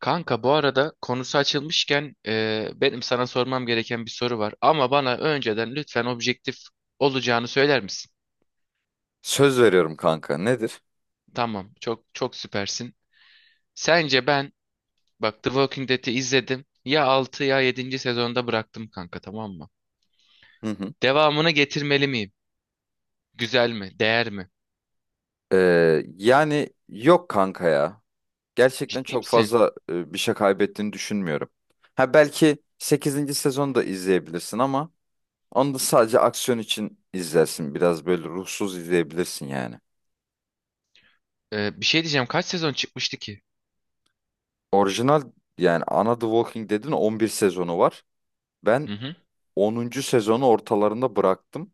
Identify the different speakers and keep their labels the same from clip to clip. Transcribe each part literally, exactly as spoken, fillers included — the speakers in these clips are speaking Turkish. Speaker 1: Kanka bu arada konusu açılmışken e, benim sana sormam gereken bir soru var. Ama bana önceden lütfen objektif olacağını söyler misin?
Speaker 2: Söz veriyorum kanka. Nedir?
Speaker 1: Tamam, çok çok süpersin. Sence ben, bak, The Walking Dead'i izledim. Ya altı ya yedinci sezonda bıraktım kanka, tamam mı?
Speaker 2: Hı hı.
Speaker 1: Devamını getirmeli miyim? Güzel mi? Değer mi?
Speaker 2: Ee, yani yok kanka ya. Gerçekten
Speaker 1: Ciddi
Speaker 2: çok
Speaker 1: misin?
Speaker 2: fazla e, bir şey kaybettiğini düşünmüyorum. Ha belki sekizinci sezonu da izleyebilirsin ama onu da sadece aksiyon için izlersin. Biraz böyle ruhsuz izleyebilirsin yani.
Speaker 1: E, bir şey diyeceğim. Kaç sezon çıkmıştı ki?
Speaker 2: Orijinal yani ana The Walking Dead'in on bir sezonu var.
Speaker 1: Hı
Speaker 2: Ben
Speaker 1: hı.
Speaker 2: onuncu sezonu ortalarında bıraktım.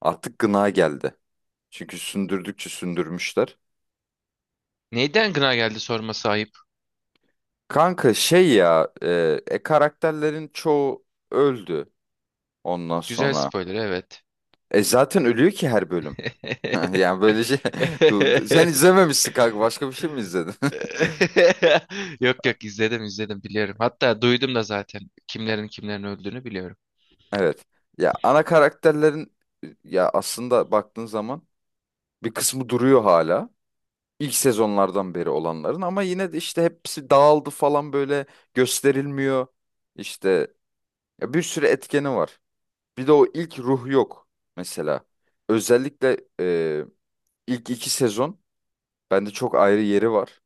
Speaker 2: Artık gına geldi. Çünkü sündürdükçe sündürmüşler.
Speaker 1: Neyden gına geldi sorma sahip?
Speaker 2: Kanka şey ya e, e, karakterlerin çoğu öldü ondan
Speaker 1: Güzel
Speaker 2: sonra.
Speaker 1: spoiler, evet.
Speaker 2: E zaten ölüyor ki her bölüm. Yani böyle şey Du- du- sen izlememişsin kanka, başka bir şey mi izledin?
Speaker 1: Yok yok izledim, izledim, biliyorum. Hatta duydum da, zaten kimlerin kimlerin öldüğünü biliyorum.
Speaker 2: Evet. Ya ana karakterlerin e, ya aslında baktığın zaman bir kısmı duruyor hala. İlk sezonlardan beri olanların, ama yine de işte hepsi dağıldı falan böyle gösterilmiyor. İşte ya bir sürü etkeni var. Bir de o ilk ruh yok mesela. Özellikle e, İlk iki sezon bende çok ayrı yeri var.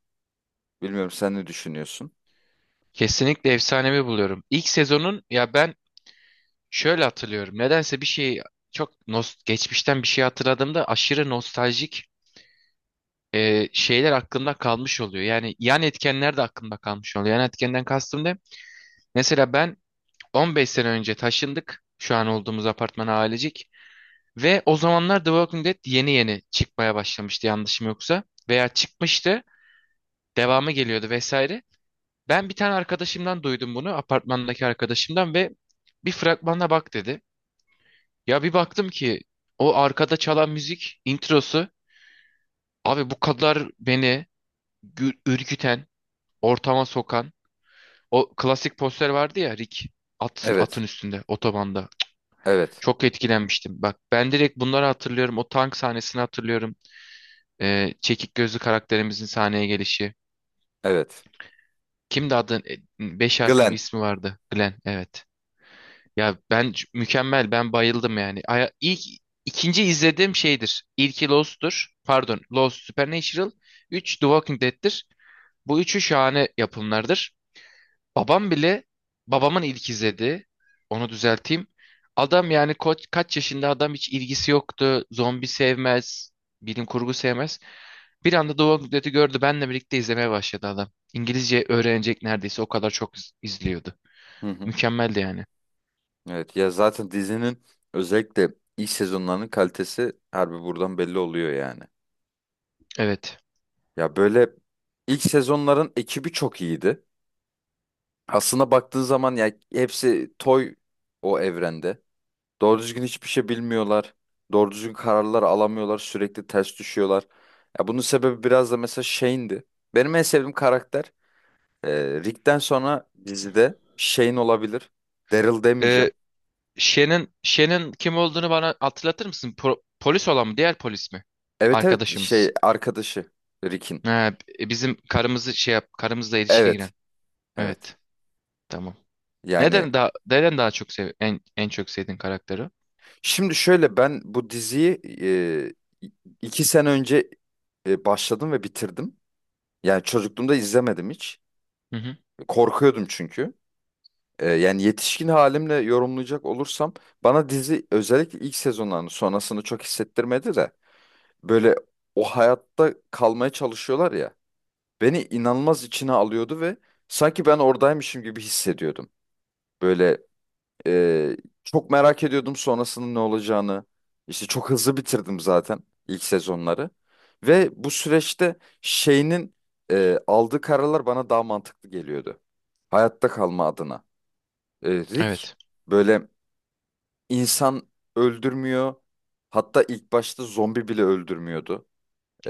Speaker 2: Bilmiyorum, sen ne düşünüyorsun?
Speaker 1: Kesinlikle efsanevi buluyorum. İlk sezonun, ya ben şöyle hatırlıyorum. Nedense bir şeyi çok nos, geçmişten bir şey hatırladığımda aşırı nostaljik e, şeyler aklımda kalmış oluyor. Yani yan etkenler de aklımda kalmış oluyor. Yan etkenden kastım ne? Mesela ben on beş sene önce taşındık. Şu an olduğumuz apartmana, ailecek. Ve o zamanlar The Walking Dead yeni yeni çıkmaya başlamıştı, yanlışım yoksa. Veya çıkmıştı, devamı geliyordu vesaire. Ben bir tane arkadaşımdan duydum bunu, apartmandaki arkadaşımdan ve bir fragmana bak dedi. Ya bir baktım ki o arkada çalan müzik introsu, abi bu kadar beni gü- ürküten, ortama sokan o klasik poster vardı ya, Rick atın atın
Speaker 2: Evet,
Speaker 1: üstünde otobanda.
Speaker 2: evet,
Speaker 1: Çok etkilenmiştim. Bak ben direkt bunları hatırlıyorum. O tank sahnesini hatırlıyorum. Ee, çekik gözlü karakterimizin sahneye gelişi.
Speaker 2: evet.
Speaker 1: Kimdi adı? E, Beş harfli bir
Speaker 2: Glenn.
Speaker 1: ismi vardı. Glenn. Evet. Ya ben c- mükemmel, ben bayıldım yani. Aya- İlk ikinci izlediğim şeydir. İlki Lost'tur. Pardon, Lost, Supernatural, üç The Walking Dead'tir. Bu üçü şahane yapımlardır. Babam bile babamın ilk izlediği. Onu düzelteyim. Adam yani ko- kaç yaşında adam, hiç ilgisi yoktu. Zombi sevmez, bilim kurgu sevmez. Bir anda The Walking Dead'i gördü. Benle birlikte izlemeye başladı adam. İngilizce öğrenecek neredeyse, o kadar çok iz- izliyordu.
Speaker 2: Hı hı.
Speaker 1: Mükemmeldi yani.
Speaker 2: Evet ya, zaten dizinin özellikle ilk sezonlarının kalitesi harbi buradan belli oluyor yani.
Speaker 1: Evet.
Speaker 2: Ya böyle ilk sezonların ekibi çok iyiydi. Aslında baktığın zaman ya hepsi toy o evrende. Doğru düzgün hiçbir şey bilmiyorlar. Doğru düzgün kararlar alamıyorlar. Sürekli ters düşüyorlar. Ya bunun sebebi biraz da mesela Shane'di. Benim en sevdiğim karakter Ee, Rick'ten sonra dizide Shane olabilir. Daryl demeyeceğim.
Speaker 1: Shen'in Shen'in kim olduğunu bana hatırlatır mısın? Po- polis olan mı? Diğer polis mi?
Speaker 2: Evet evet,
Speaker 1: Arkadaşımız.
Speaker 2: şey, arkadaşı Rick'in.
Speaker 1: Ha, b- bizim karımızı şey yap, karımızla ilişkiye
Speaker 2: Evet
Speaker 1: giren.
Speaker 2: evet.
Speaker 1: Evet. Tamam.
Speaker 2: Yani
Speaker 1: Neden daha neden daha çok sev en en çok sevdiğin karakteri?
Speaker 2: şimdi şöyle, ben bu diziyi e, iki sene önce e, başladım ve bitirdim. Yani çocukluğumda izlemedim hiç.
Speaker 1: Hı hı.
Speaker 2: Korkuyordum çünkü. E, yani yetişkin halimle yorumlayacak olursam bana dizi özellikle ilk sezonlarını sonrasını çok hissettirmedi de, böyle o hayatta kalmaya çalışıyorlar ya, beni inanılmaz içine alıyordu ve sanki ben oradaymışım gibi hissediyordum. Böyle e, çok merak ediyordum sonrasının ne olacağını. İşte çok hızlı bitirdim zaten ilk sezonları. Ve bu süreçte şeyinin e, aldığı kararlar bana daha mantıklı geliyordu. Hayatta kalma adına. E, Rick
Speaker 1: Evet.
Speaker 2: böyle insan öldürmüyor. Hatta ilk başta zombi bile öldürmüyordu.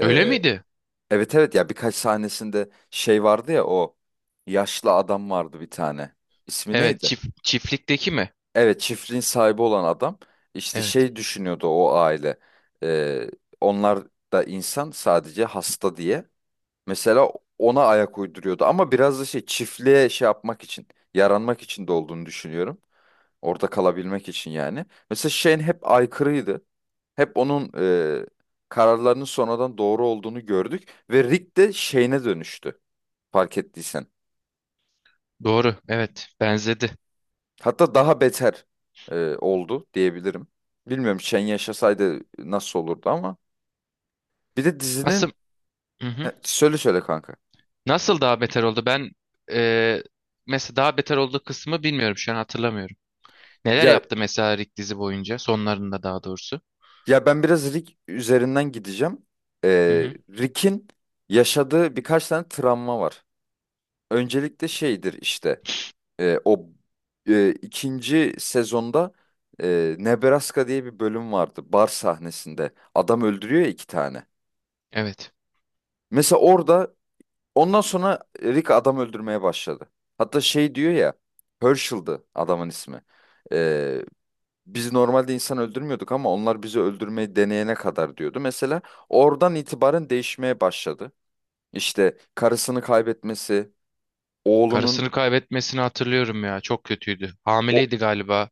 Speaker 1: Öyle miydi?
Speaker 2: Evet evet, ya birkaç sahnesinde şey vardı ya, o yaşlı adam vardı bir tane. İsmi
Speaker 1: Evet,
Speaker 2: neydi?
Speaker 1: çift çiftlikteki mi?
Speaker 2: Evet, çiftliğin sahibi olan adam, işte
Speaker 1: Evet.
Speaker 2: şey düşünüyordu o aile. Ee, Onlar da insan, sadece hasta diye. Mesela ona ayak uyduruyordu ama biraz da şey, çiftliğe şey yapmak için, yaranmak için de olduğunu düşünüyorum. Orada kalabilmek için yani. Mesela Shane hep aykırıydı. Hep onun e, kararlarının sonradan doğru olduğunu gördük ve Rick de Shane'e dönüştü, fark ettiysen.
Speaker 1: Doğru. Evet, benzedi.
Speaker 2: Hatta daha beter e, oldu diyebilirim. Bilmiyorum Shen yaşasaydı nasıl olurdu ama. Bir de
Speaker 1: Nasıl?
Speaker 2: dizinin
Speaker 1: Hı hı.
Speaker 2: E, söyle söyle kanka.
Speaker 1: Nasıl daha beter oldu? Ben, e, mesela daha beter olduğu kısmı bilmiyorum, şu an hatırlamıyorum. Neler
Speaker 2: Ya
Speaker 1: yaptı mesela Rick dizi boyunca, sonlarında daha doğrusu?
Speaker 2: ya ben biraz Rick üzerinden gideceğim. E,
Speaker 1: Hı hı.
Speaker 2: Rick'in yaşadığı birkaç tane travma var. Öncelikle şeydir işte e, o e, ikinci sezonda e, Nebraska diye bir bölüm vardı, bar sahnesinde. Adam öldürüyor ya, iki tane.
Speaker 1: Evet.
Speaker 2: Mesela orada, ondan sonra Rick adam öldürmeye başladı. Hatta şey diyor ya, Herschel'dı adamın ismi. Ee, Biz normalde insan öldürmüyorduk ama onlar bizi öldürmeyi deneyene kadar diyordu. Mesela oradan itibaren değişmeye başladı. İşte karısını kaybetmesi, oğlunun
Speaker 1: Karısını kaybetmesini hatırlıyorum ya. Çok kötüydü.
Speaker 2: o,
Speaker 1: Hamileydi galiba.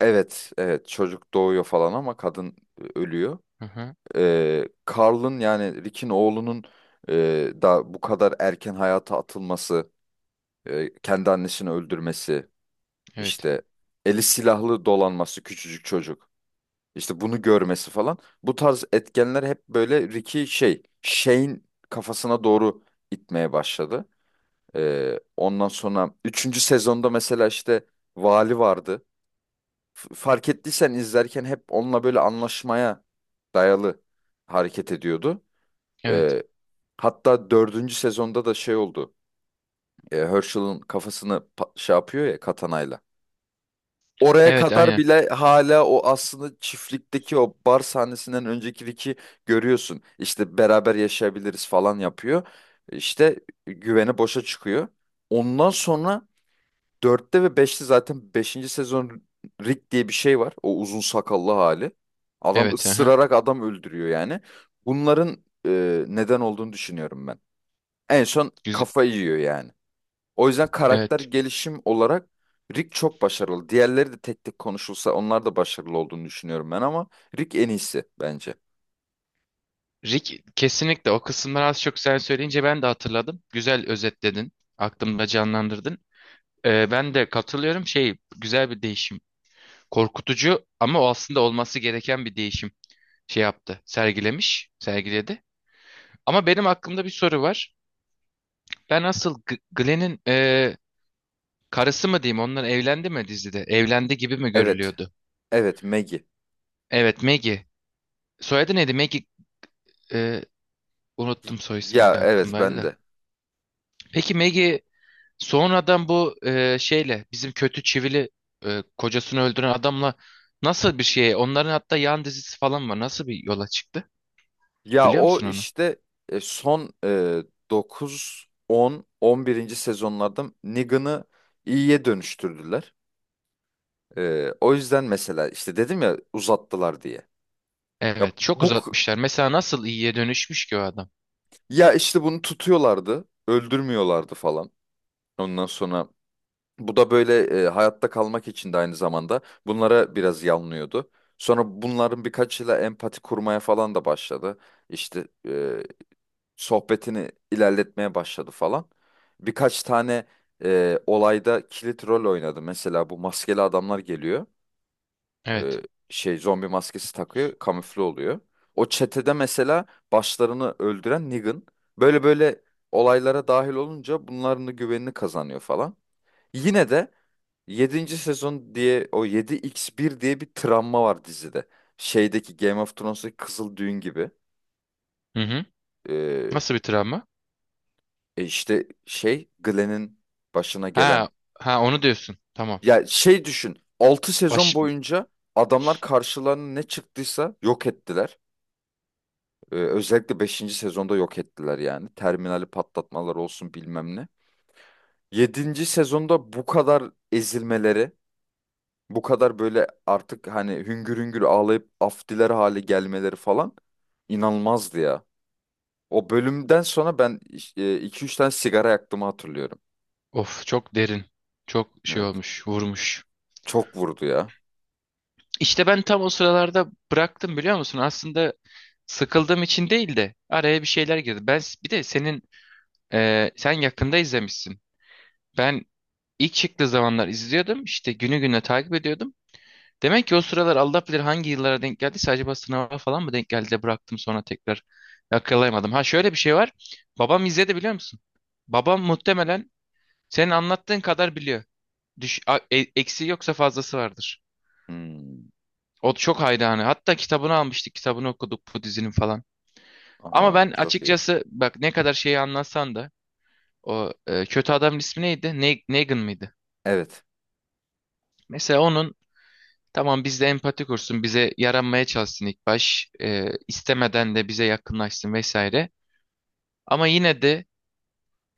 Speaker 2: evet evet, çocuk doğuyor falan ama kadın e, ölüyor.
Speaker 1: Hı hı.
Speaker 2: Ee, Carl'ın, yani Rick'in oğlunun e, da bu kadar erken hayata atılması, e, kendi annesini öldürmesi.
Speaker 1: Evet.
Speaker 2: İşte eli silahlı dolanması küçücük çocuk. İşte bunu görmesi falan. Bu tarz etkenler hep böyle Ricky şey, Shane kafasına doğru itmeye başladı. Ee, ondan sonra üçüncü sezonda mesela işte vali vardı. F- fark ettiysen izlerken hep onunla böyle anlaşmaya dayalı hareket ediyordu.
Speaker 1: Evet.
Speaker 2: Ee, Hatta dördüncü sezonda da şey oldu. Ee, Herschel'ın kafasını pa- şey yapıyor ya, katanayla. Oraya
Speaker 1: Evet,
Speaker 2: kadar
Speaker 1: aynen.
Speaker 2: bile hala o aslında, çiftlikteki o bar sahnesinden öncekideki görüyorsun. İşte beraber yaşayabiliriz falan yapıyor. İşte güveni boşa çıkıyor. Ondan sonra dörtte ve beşte, zaten beşinci sezon Rick diye bir şey var. O uzun sakallı hali. Adam
Speaker 1: Evet. Hı hı.
Speaker 2: ısırarak adam öldürüyor yani. Bunların e, neden olduğunu düşünüyorum ben. En son
Speaker 1: Güzel.
Speaker 2: kafa yiyor yani. O yüzden karakter
Speaker 1: Evet.
Speaker 2: gelişim olarak Rick çok başarılı. Diğerleri de tek tek konuşulsa onlar da başarılı olduğunu düşünüyorum ben ama Rick en iyisi bence.
Speaker 1: Rick kesinlikle, o kısımları az çok sen söyleyince ben de hatırladım. Güzel özetledin. Aklımda canlandırdın. Ee, ben de katılıyorum. Şey, güzel bir değişim. Korkutucu ama o aslında olması gereken bir değişim, şey yaptı. Sergilemiş. Sergiledi. Ama benim aklımda bir soru var. Ben asıl G- Glenn'in karısı mı diyeyim? Onlar evlendi mi dizide? Evlendi gibi mi
Speaker 2: Evet.
Speaker 1: görülüyordu?
Speaker 2: Evet, Maggie.
Speaker 1: Evet, Maggie. Soyadı neydi? Maggie, e, unuttum soy ismini
Speaker 2: Ya
Speaker 1: de,
Speaker 2: evet,
Speaker 1: aklımdaydı
Speaker 2: ben
Speaker 1: da.
Speaker 2: de.
Speaker 1: Peki Maggie sonradan bu, e, şeyle, bizim kötü çivili, e, kocasını öldüren adamla nasıl bir şeye, onların hatta yan dizisi falan var. Nasıl bir yola çıktı?
Speaker 2: Ya
Speaker 1: Biliyor
Speaker 2: o
Speaker 1: musun onu?
Speaker 2: işte e, son e, dokuz, on, on birinci sezonlarda Negan'ı iyiye dönüştürdüler. E, o yüzden mesela işte dedim ya uzattılar diye. Ya
Speaker 1: Evet, çok
Speaker 2: bu
Speaker 1: uzatmışlar. Mesela nasıl iyiye dönüşmüş ki o adam?
Speaker 2: ya işte bunu tutuyorlardı, öldürmüyorlardı falan. Ondan sonra bu da böyle e, hayatta kalmak için de aynı zamanda bunlara biraz yanlıyordu. Sonra bunların birkaçıyla empati kurmaya falan da başladı. İşte e, sohbetini ilerletmeye başladı falan. Birkaç tane e, olayda kilit rol oynadı. Mesela bu maskeli adamlar geliyor.
Speaker 1: Evet.
Speaker 2: E, Şey, zombi maskesi takıyor, kamufle oluyor. O çetede mesela başlarını öldüren Negan. Böyle böyle olaylara dahil olunca bunların da güvenini kazanıyor falan. Yine de yedinci sezon diye, o yedi x bir diye bir travma var dizide. Şeydeki Game of Thrones'daki Kızıl Düğün gibi.
Speaker 1: Hı hı.
Speaker 2: Ee,
Speaker 1: Nasıl bir travma?
Speaker 2: E işte şey, Glenn'in başına gelen.
Speaker 1: Ha, ha onu diyorsun. Tamam.
Speaker 2: Ya şey düşün, altı sezon
Speaker 1: Baş,
Speaker 2: boyunca adamlar karşılarına ne çıktıysa yok ettiler. Ee, özellikle beşinci sezonda yok ettiler yani. Terminali patlatmalar olsun, bilmem ne. Yedinci sezonda bu kadar ezilmeleri, bu kadar böyle artık hani hüngür hüngür ağlayıp af diler hale gelmeleri falan, inanılmazdı ya. O bölümden sonra ben iki üç tane sigara yaktığımı hatırlıyorum.
Speaker 1: of çok derin. Çok şey
Speaker 2: Evet.
Speaker 1: olmuş, vurmuş.
Speaker 2: Çok vurdu ya.
Speaker 1: İşte ben tam o sıralarda bıraktım, biliyor musun? Aslında sıkıldığım için değil de araya bir şeyler girdi. Ben s- bir de senin, e, sen yakında izlemişsin. Ben ilk çıktığı zamanlar izliyordum. İşte günü güne takip ediyordum. Demek ki o sıralar Allah bilir hangi yıllara denk geldiyse, acaba sınava falan mı denk geldi de bıraktım, sonra tekrar yakalayamadım. Ha, şöyle bir şey var. Babam izledi biliyor musun? Babam muhtemelen senin anlattığın kadar biliyor. Düş, a- e- eksiği yoksa fazlası vardır.
Speaker 2: Hmm.
Speaker 1: O çok hayranı. Hatta kitabını almıştık. Kitabını okuduk bu dizinin falan. Ama
Speaker 2: Aha
Speaker 1: ben
Speaker 2: çok iyi.
Speaker 1: açıkçası, bak, ne kadar şeyi anlatsan da o, e, kötü adamın ismi neydi? Ne, Negan mıydı?
Speaker 2: Evet.
Speaker 1: Mesela onun, tamam bizde empati kursun. Bize yaranmaya çalışsın ilk baş, e, istemeden de bize yakınlaşsın vesaire. Ama yine de,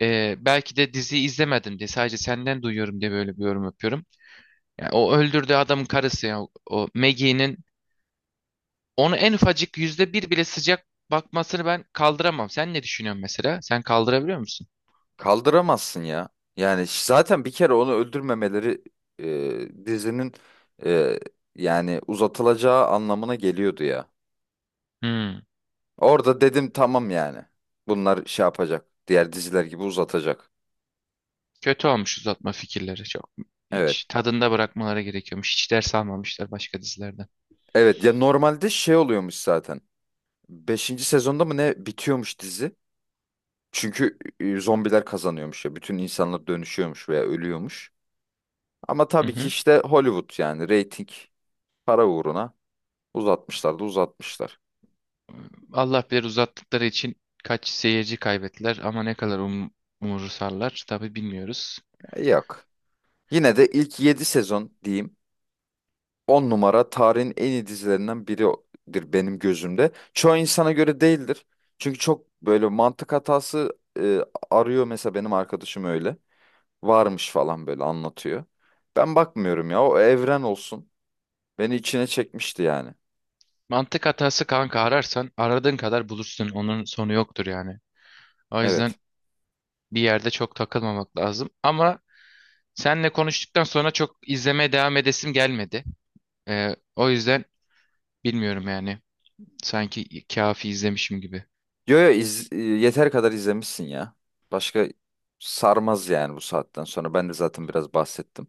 Speaker 1: e, belki de diziyi izlemedim diye, sadece senden duyuyorum diye böyle bir yorum yapıyorum. Yani o öldürdüğü adamın karısı ya, o Maggie'nin, onu en ufacık yüzde bir bile sıcak bakmasını ben kaldıramam. Sen ne düşünüyorsun mesela? Sen kaldırabiliyor musun?
Speaker 2: Kaldıramazsın ya. Yani ş- zaten bir kere onu öldürmemeleri e, dizinin e, yani uzatılacağı anlamına geliyordu ya.
Speaker 1: Hmm.
Speaker 2: Orada dedim tamam yani. Bunlar şey yapacak. Diğer diziler gibi uzatacak.
Speaker 1: Kötü olmuş uzatma fikirleri. Çok,
Speaker 2: Evet.
Speaker 1: hiç tadında bırakmaları gerekiyormuş. Hiç ders almamışlar başka dizilerden.
Speaker 2: Evet ya, normalde şey oluyormuş zaten. Beşinci sezonda mı ne bitiyormuş dizi. Çünkü e, zombiler kazanıyormuş ya. Bütün insanlar dönüşüyormuş veya ölüyormuş. Ama
Speaker 1: Hı
Speaker 2: tabii ki
Speaker 1: hı.
Speaker 2: işte Hollywood, yani reyting, para uğruna uzatmışlar da uzatmışlar.
Speaker 1: Allah bilir uzattıkları için kaç seyirci kaybettiler, ama ne kadar um umursarlar tabii, bilmiyoruz.
Speaker 2: Ya yok. Yine de ilk yedi sezon diyeyim, on numara, tarihin en iyi dizilerinden biridir benim gözümde. Çoğu insana göre değildir. Çünkü çok böyle mantık hatası e, arıyor mesela, benim arkadaşım öyle. Varmış falan böyle anlatıyor. Ben bakmıyorum ya, o evren olsun. Beni içine çekmişti yani.
Speaker 1: Mantık hatası, kanka, ararsan aradığın kadar bulursun. Onun sonu yoktur yani. O yüzden
Speaker 2: Evet.
Speaker 1: bir yerde çok takılmamak lazım. Ama senle konuştuktan sonra çok izlemeye devam edesim gelmedi. Ee, o yüzden bilmiyorum yani. Sanki kafi izlemişim gibi.
Speaker 2: Yo yo iz- e, yeter kadar izlemişsin ya. Başka sarmaz yani bu saatten sonra. Ben de zaten biraz bahsettim.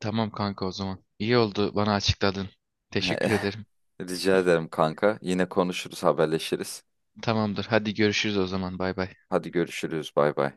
Speaker 1: Tamam kanka, o zaman. İyi oldu, bana açıkladın. Teşekkür ederim.
Speaker 2: Rica ederim kanka. Yine konuşuruz, haberleşiriz.
Speaker 1: Tamamdır. Hadi görüşürüz o zaman. Bay bay.
Speaker 2: Hadi görüşürüz. Bay bay.